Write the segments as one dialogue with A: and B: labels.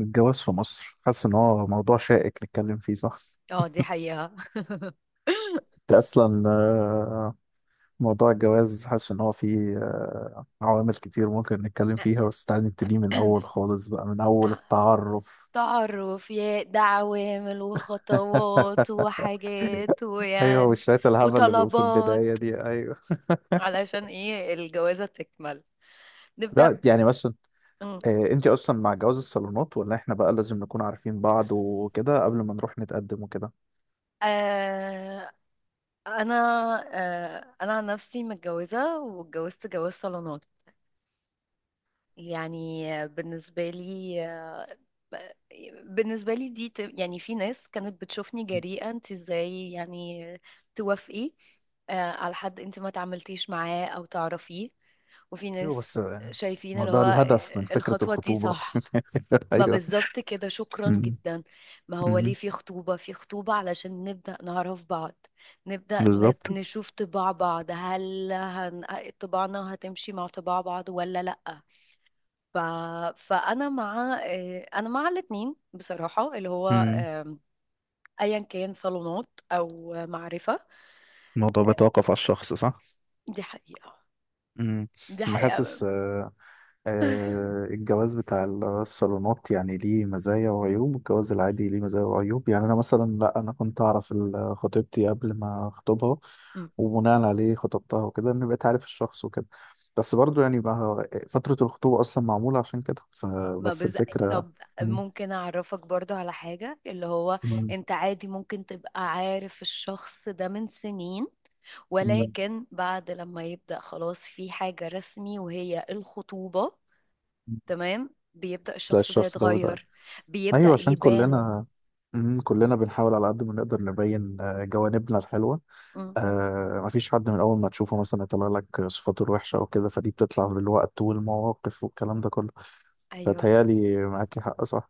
A: الجواز في مصر، حاسس ان هو موضوع شائك نتكلم فيه، صح؟
B: اه، دي حقيقة.
A: ده اصلا. موضوع الجواز، حاسس ان هو فيه عوامل كتير ممكن نتكلم فيها، بس تعالى نبتدي من اول خالص بقى، من اول التعرف.
B: تعرف يا ده، عوامل وخطوات وحاجات
A: ايوه،
B: ويعني
A: وشوية الهبل اللي بيبقوا في البداية
B: وطلبات
A: دي، ايوه.
B: علشان ايه الجوازة تكمل. نبدأ
A: لا
B: ب...
A: يعني، بس انت
B: م.
A: آه، انت اصلا مع جواز الصالونات، ولا احنا بقى لازم نكون عارفين بعض وكده قبل ما نروح نتقدم وكده؟
B: آه... انا آه... انا عن نفسي متجوزة، واتجوزت جواز صالونات. يعني بالنسبة لي، بالنسبة لي دي يعني في ناس كانت بتشوفني جريئة: انت ازاي يعني توافقي على حد انت ما تعاملتيش معاه او تعرفيه؟ وفي ناس
A: ايوه بس،
B: شايفين
A: ما هو
B: اللي هو
A: ده الهدف من فكرة
B: الخطوة دي
A: الخطوبة.
B: صح. ما
A: ايوه.
B: بالظبط كده، شكرا
A: مم.
B: جدا. ما هو ليه
A: مم.
B: في خطوبة علشان نبدأ نعرف بعض، نبدأ
A: بالظبط.
B: نشوف طباع بعض. طباعنا هتمشي مع طباع بعض ولا لأ؟ ف... فانا مع آه، انا مع الاثنين بصراحه، اللي هو
A: امم
B: آم، ايا كان صالونات او معرفه.
A: الموضوع بيتوقف على الشخص، صح.
B: دي حقيقه،
A: امم.
B: دي
A: انا
B: حقيقه.
A: حاسس، الجواز بتاع الصالونات يعني ليه مزايا وعيوب، والجواز العادي ليه مزايا وعيوب. يعني انا مثلا لا، انا كنت اعرف خطيبتي قبل ما اخطبها،
B: م-
A: وبناء عليه خطبتها وكده، ان بقيت عارف الشخص وكده. بس برضو يعني بقى فترة الخطوبة اصلا معمولة عشان كده،
B: ما
A: فبس
B: بز...
A: الفكرة.
B: طب،
A: مم.
B: ممكن اعرفك برضو على حاجه، اللي هو
A: مم.
B: انت عادي ممكن تبقى عارف الشخص ده من سنين،
A: مم.
B: ولكن بعد لما يبدا خلاص في حاجه رسمي وهي الخطوبه، تمام، بيبدا
A: ده
B: الشخص ده
A: الشخص ده وده.
B: يتغير،
A: ايوه،
B: بيبدا
A: عشان
B: يبان.
A: كلنا، كلنا بنحاول على قد ما نقدر نبين جوانبنا الحلوه.
B: م،
A: مفيش حد من اول ما تشوفه مثلا يطلع لك صفاته الوحشه او كده، فدي بتطلع بالوقت والمواقف والكلام ده كله.
B: ايوه،
A: فتهيالي معاكي حق، صح،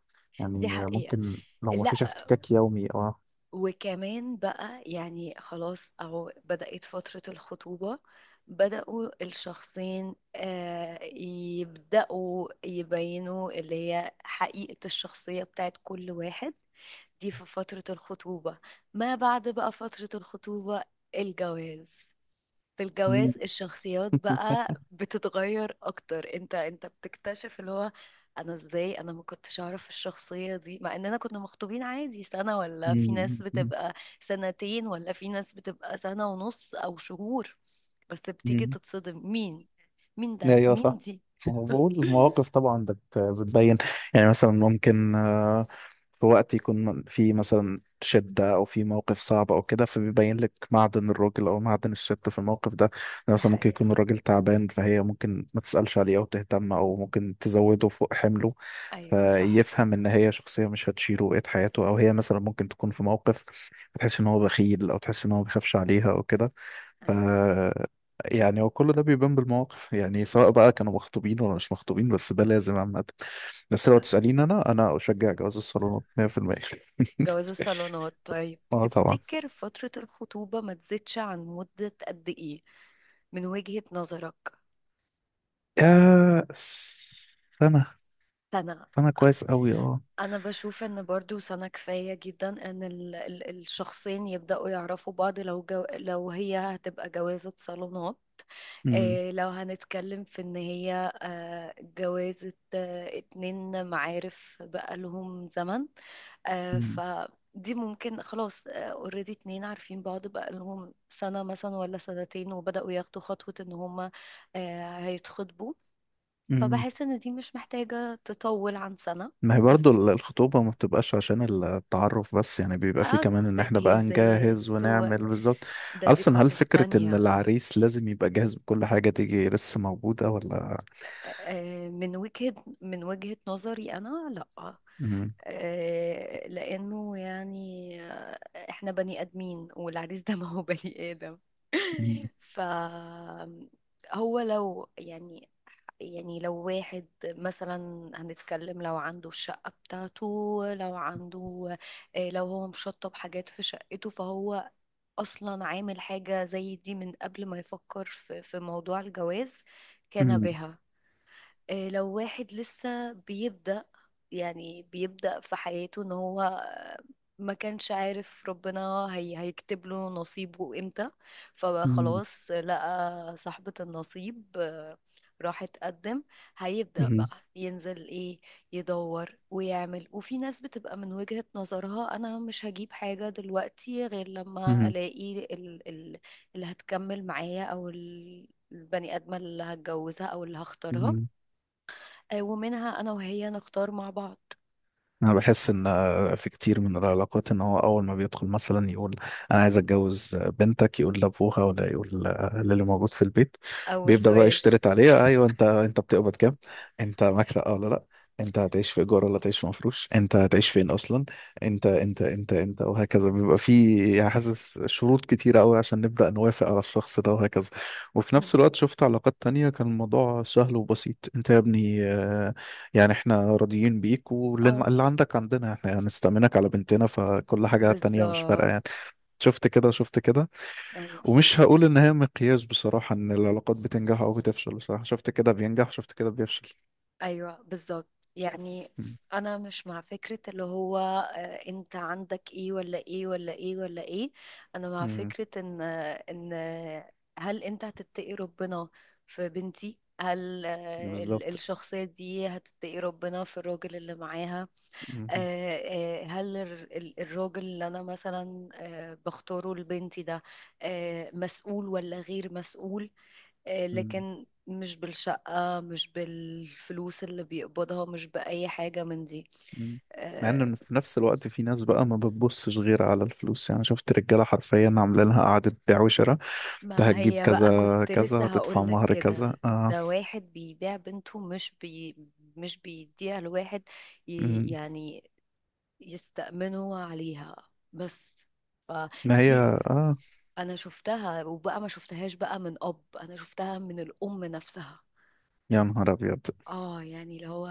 B: دي
A: يعني
B: حقيقه.
A: ممكن لو مفيش
B: لا،
A: احتكاك يومي، اه.
B: وكمان بقى يعني خلاص أهو بدأت فترة الخطوبة، بدأوا الشخصين يبدأوا يبينوا اللي هي حقيقة الشخصية بتاعت كل واحد، دي في فترة الخطوبة. ما بعد بقى فترة الخطوبة، الجواز، في الجواز
A: مم.
B: الشخصيات بقى بتتغير اكتر. انت بتكتشف اللي هو انا ازاي انا ما كنتش اعرف الشخصية دي. مع اننا كنا مخطوبين عادي سنة، ولا في ناس
A: مم. مم.
B: بتبقى سنتين، ولا في ناس بتبقى سنة ونص او شهور. بس بتيجي
A: مم.
B: تتصدم: مين؟ مين ده؟
A: ايوه،
B: مين
A: صح.
B: دي؟
A: مفهوم، المواقف طبعا بتبين. يعني مثلا ممكن في وقت يكون في مثلا شدة أو في موقف صعب أو كده، فبيبين لك معدن الراجل أو معدن الست في الموقف ده. يعني
B: دي
A: مثلا ممكن
B: حقيقة.
A: يكون الراجل تعبان، فهي ممكن ما تسألش عليه أو تهتم، أو ممكن تزوده فوق حمله،
B: ايوه صح.
A: فيفهم إن هي شخصية مش هتشيله بقية حياته. أو هي مثلا ممكن تكون في موقف تحس إن هو بخيل، أو تحس إن هو بيخافش عليها أو كده. ف
B: ايوه
A: يعني هو كل ده بيبان بالمواقف، يعني سواء بقى كانوا مخطوبين ولا مش مخطوبين، بس ده لازم عامة. بس لو تسأليني، أنا أشجع جواز الصالونات 100%.
B: جواز الصالونات. طيب
A: أه طبعا.
B: تفتكر فترة الخطوبة ما تزيدش عن مدة قد ايه من وجهة نظرك؟
A: يا سنة.
B: سنة.
A: سنة كويس أوي، أه.
B: أنا بشوف إن برضو سنة كفاية جدا إن الشخصين يبدأوا يعرفوا بعض، لو هي هتبقى جوازة صالونات.
A: أمم،
B: إيه، لو هنتكلم في إن هي جوازة اتنين معارف بقالهم زمن،
A: أمم،
B: فدي ممكن خلاص اوريدي اتنين عارفين بعض بقالهم سنة مثلا ولا سنتين، وبدأوا ياخدوا خطوة إن هما هيتخطبوا.
A: أمم.
B: فبحس إن دي مش محتاجة تطول عن سنة.
A: ما هي
B: بس
A: برضو الخطوبة ما بتبقاش عشان التعرف بس، يعني بيبقى فيه
B: اه،
A: كمان إن إحنا بقى نجهز
B: تجهيزات
A: ونعمل بالظبط.
B: دي
A: أصلا هل
B: قصص
A: فكرة إن
B: تانية.
A: العريس لازم يبقى جاهز بكل حاجة دي لسه موجودة ولا؟
B: من وجهة نظري أنا، لأ.
A: أمم،
B: لأنه يعني إحنا بني آدمين، والعريس ده ما هو بني آدم.
A: أمم،
B: ف، هو لو يعني لو واحد مثلا، هنتكلم لو عنده الشقة بتاعته، لو عنده آه، لو هو مشطب حاجات في شقته، فهو أصلا عامل حاجة زي دي من قبل ما يفكر في موضوع الجواز، كان
A: أمم،
B: بها. لو واحد لسه بيبدأ، يعني بيبدأ في حياته ان هو ما كانش عارف ربنا هي هيكتب له نصيبه امتى، فخلاص لقى صاحبة النصيب، راح اتقدم، هيبدأ
A: أمم،
B: بقى ينزل ايه، يدور ويعمل. وفي ناس بتبقى من وجهة نظرها انا مش هجيب حاجة دلوقتي غير لما
A: أمم،
B: الاقي ال ال اللي هتكمل معايا، او البني آدمة اللي هتجوزها او اللي هختارها،
A: أمم.
B: ومنها انا وهي نختار مع بعض.
A: انا بحس ان في كتير من العلاقات، ان هو اول ما بيدخل مثلا يقول انا عايز اتجوز بنتك، يقول لابوها ولا يقول للي موجود في البيت،
B: اول
A: بيبدأ بقى
B: سؤال.
A: يشترط عليها. ايوه، انت بتقبض كام، انت معاك شقه ولا لا، انت هتعيش في ايجار ولا هتعيش في مفروش، انت هتعيش فين اصلا، انت انت انت انت، وهكذا. بيبقى في يعني حاسس شروط كتيره قوي عشان نبدأ نوافق على الشخص ده، وهكذا. وفي
B: م.
A: نفس الوقت شفت علاقات تانية كان الموضوع سهل وبسيط: انت يا ابني، يعني احنا راضيين بيك،
B: اه،
A: واللي عندك عندنا، احنا هنستأمنك على بنتنا، فكل حاجة تانية مش فارقة
B: بالظبط.
A: يعني. شفت كده، شفت كده.
B: ايوه،
A: ومش هقول ان هي مقياس بصراحة، ان العلاقات بتنجح او بتفشل، بصراحة شفت كده بينجح، شفت كده بيفشل.
B: ايوه بالظبط. يعني
A: مم.
B: انا مش مع فكرة اللي هو انت عندك ايه ولا ايه ولا ايه ولا ايه. انا مع
A: مم.
B: فكرة ان هل انت هتتقي ربنا في بنتي؟ هل
A: بالظبط.
B: الشخصية دي هتتقي ربنا في الراجل اللي معاها؟
A: مم.
B: هل الراجل اللي انا مثلا بختاره لبنتي ده مسؤول ولا غير مسؤول؟
A: مم.
B: لكن مش بالشقة، مش بالفلوس اللي بيقبضها، مش بأي حاجة من دي.
A: مم. مع
B: آه،
A: ان في نفس الوقت في ناس بقى ما بتبصش غير على الفلوس، يعني شفت رجالة حرفيا عاملين لها قعدة بيع وشراء: انت
B: ما
A: هتجيب
B: هي بقى
A: كذا
B: كنت لسه
A: كذا، هتدفع
B: هقولك
A: مهر
B: كده:
A: كذا، اه.
B: ده واحد بيبيع بنته، مش بيديها لواحد
A: مم.
B: يعني يستأمنوا عليها بس.
A: ما هي،
B: فدي
A: اه،
B: انا شفتها، وبقى ما شفتهاش بقى من اب، انا شفتها من الام نفسها.
A: يا نهار ابيض.
B: اه يعني اللي هو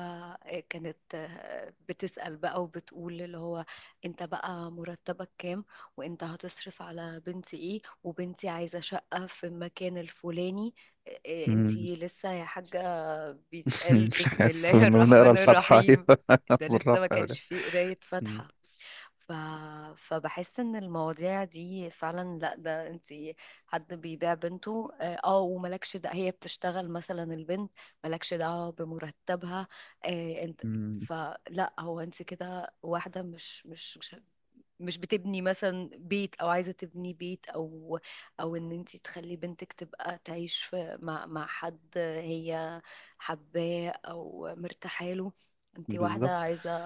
B: كانت بتسأل بقى وبتقول اللي هو: انت بقى مرتبك كام؟ وانت هتصرف على بنتي ايه؟ وبنتي عايزة شقة في المكان الفلاني. إيه انتي لسه يا حاجة؟ بيتقال بسم
A: الحس
B: الله
A: انه بنقرا
B: الرحمن
A: الفاتحه،
B: الرحيم!
A: ايوه.
B: ده لسه ما
A: بالرفع
B: كانش
A: ولا.
B: فيه قراية
A: مم.
B: فاتحة. ف... فبحس ان المواضيع دي فعلا، لا، ده انت حد بيبيع بنته! وملكش، ده هي بتشتغل مثلا البنت، ملكش دعوة بمرتبها. انت،
A: مم.
B: فلا هو انت كده، واحدة مش بتبني مثلا بيت، او عايزه تبني بيت، او ان انت تخلي بنتك تبقى تعيش في مع حد هي حباه او مرتاحه له. انت واحده
A: بالظبط.
B: عايزه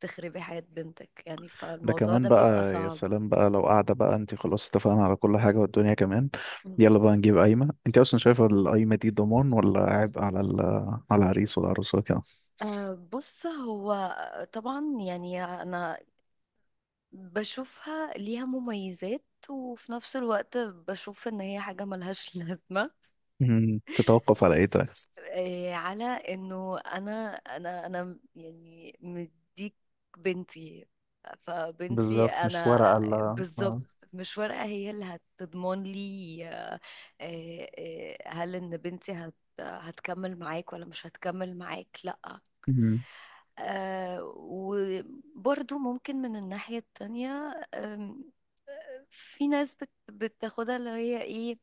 B: تخربي حياه بنتك يعني.
A: ده
B: فالموضوع ده
A: كمان
B: بيبقى
A: بقى، يا
B: صعب.
A: سلام بقى لو قاعده بقى، انت خلاص اتفقنا على كل حاجه، والدنيا كمان
B: مم.
A: يلا بقى نجيب قايمه. انت اصلا شايفه القايمه دي ضمان ولا عبء على على العريس والعروس وكده؟
B: بص، هو طبعا يعني انا بشوفها ليها مميزات، وفي نفس الوقت بشوف ان هي حاجه ملهاش لازمه.
A: مم. تتوقف على ايه طيب؟
B: إيه، على انه انا انا انا يعني مديك بنتي، فبنتي
A: بالظبط، مش
B: انا.
A: ورقه، لا
B: بالظبط،
A: آه.
B: مش ورقة هي اللي هتضمن لي هل ان بنتي هت، هتكمل معاك ولا مش هتكمل معاك؟ لا.
A: مم.
B: وبرضو ممكن من الناحية التانية. آم، في ناس بتاخدها اللي هي ايه،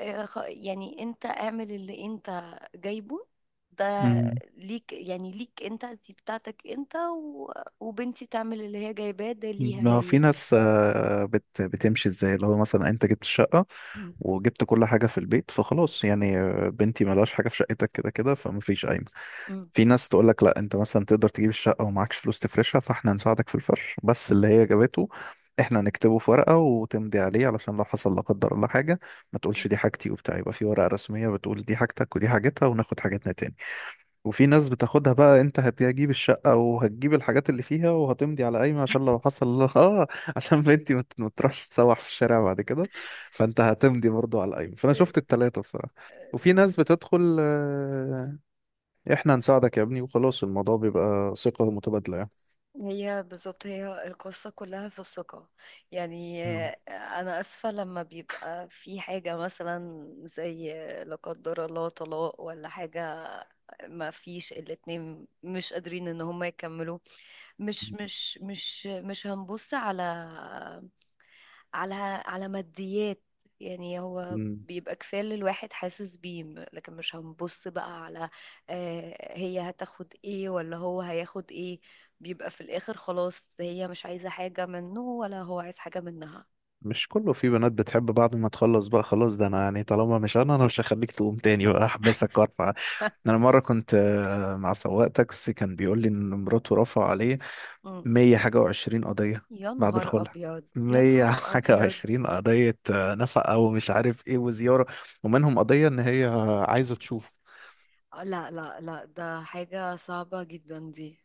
B: يعني انت اعمل اللي انت جايبه ده
A: مم.
B: ليك، يعني ليك انت، دي بتاعتك انت و... وبنتي تعمل اللي هي جايباه ده ليها
A: ما هو في
B: هي.
A: ناس آه، بت بتمشي ازاي، اللي هو مثلا انت جبت الشقة
B: مم.
A: وجبت كل حاجة في البيت، فخلاص يعني بنتي ملهاش حاجة في شقتك كده كده، فمفيش قايمة.
B: مم.
A: في ناس تقول لك لا، انت مثلا تقدر تجيب الشقة ومعكش فلوس تفرشها، فاحنا هنساعدك في الفرش، بس اللي هي جابته احنا هنكتبه في ورقة وتمضي عليه، علشان لو حصل لا قدر الله حاجة ما تقولش
B: مم.
A: دي حاجتي وبتاع، يبقى في ورقة رسمية بتقول دي حاجتك ودي حاجتها، وناخد حاجتنا تاني. وفي ناس بتاخدها بقى، انت هتجيب الشقة وهتجيب الحاجات اللي فيها وهتمضي على قايمة، عشان لو حصل اه، عشان بنتي ما تروحش تسوح في الشارع بعد كده، فانت هتمضي برضو على القايمة. فانا
B: إيه،
A: شفت التلاتة بصراحة.
B: آه،
A: وفي ناس بتدخل، احنا هنساعدك يا ابني وخلاص، الموضوع بيبقى ثقة متبادلة يعني.
B: هي بالظبط هي القصة كلها في الثقة. يعني
A: مم.
B: أنا آسفة، لما بيبقى في حاجة مثلا زي لا قدر الله طلاق ولا حاجة، ما فيش الاتنين مش قادرين إن هما يكملوها، مش هنبص على على على ماديات. يعني هو
A: مم.
B: بيبقى كفاية اللي الواحد حاسس بيه، لكن مش هنبص بقى على هي هتاخد ايه ولا هو هياخد ايه. بيبقى في الآخر خلاص هي مش عايزة حاجة منه ولا هو عايز حاجة منها.
A: مش كله. في بنات بتحب بعد ما تخلص بقى خلاص، ده انا يعني طالما مش، انا مش هخليك تقوم تاني بقى، احبسك وارفع. انا مره كنت، مع سواق تاكسي كان بيقول لي ان مراته رفع عليه
B: مم.
A: مية حاجة وعشرين قضية
B: يا
A: بعد
B: نهار
A: الخلع.
B: أبيض، يا
A: مية
B: نهار
A: حاجة
B: أبيض.
A: وعشرين قضية، نفقة ومش عارف ايه وزيارة، ومنهم قضية ان هي عايزة تشوفه.
B: لا لا لا، ده حاجة صعبة جدا دي.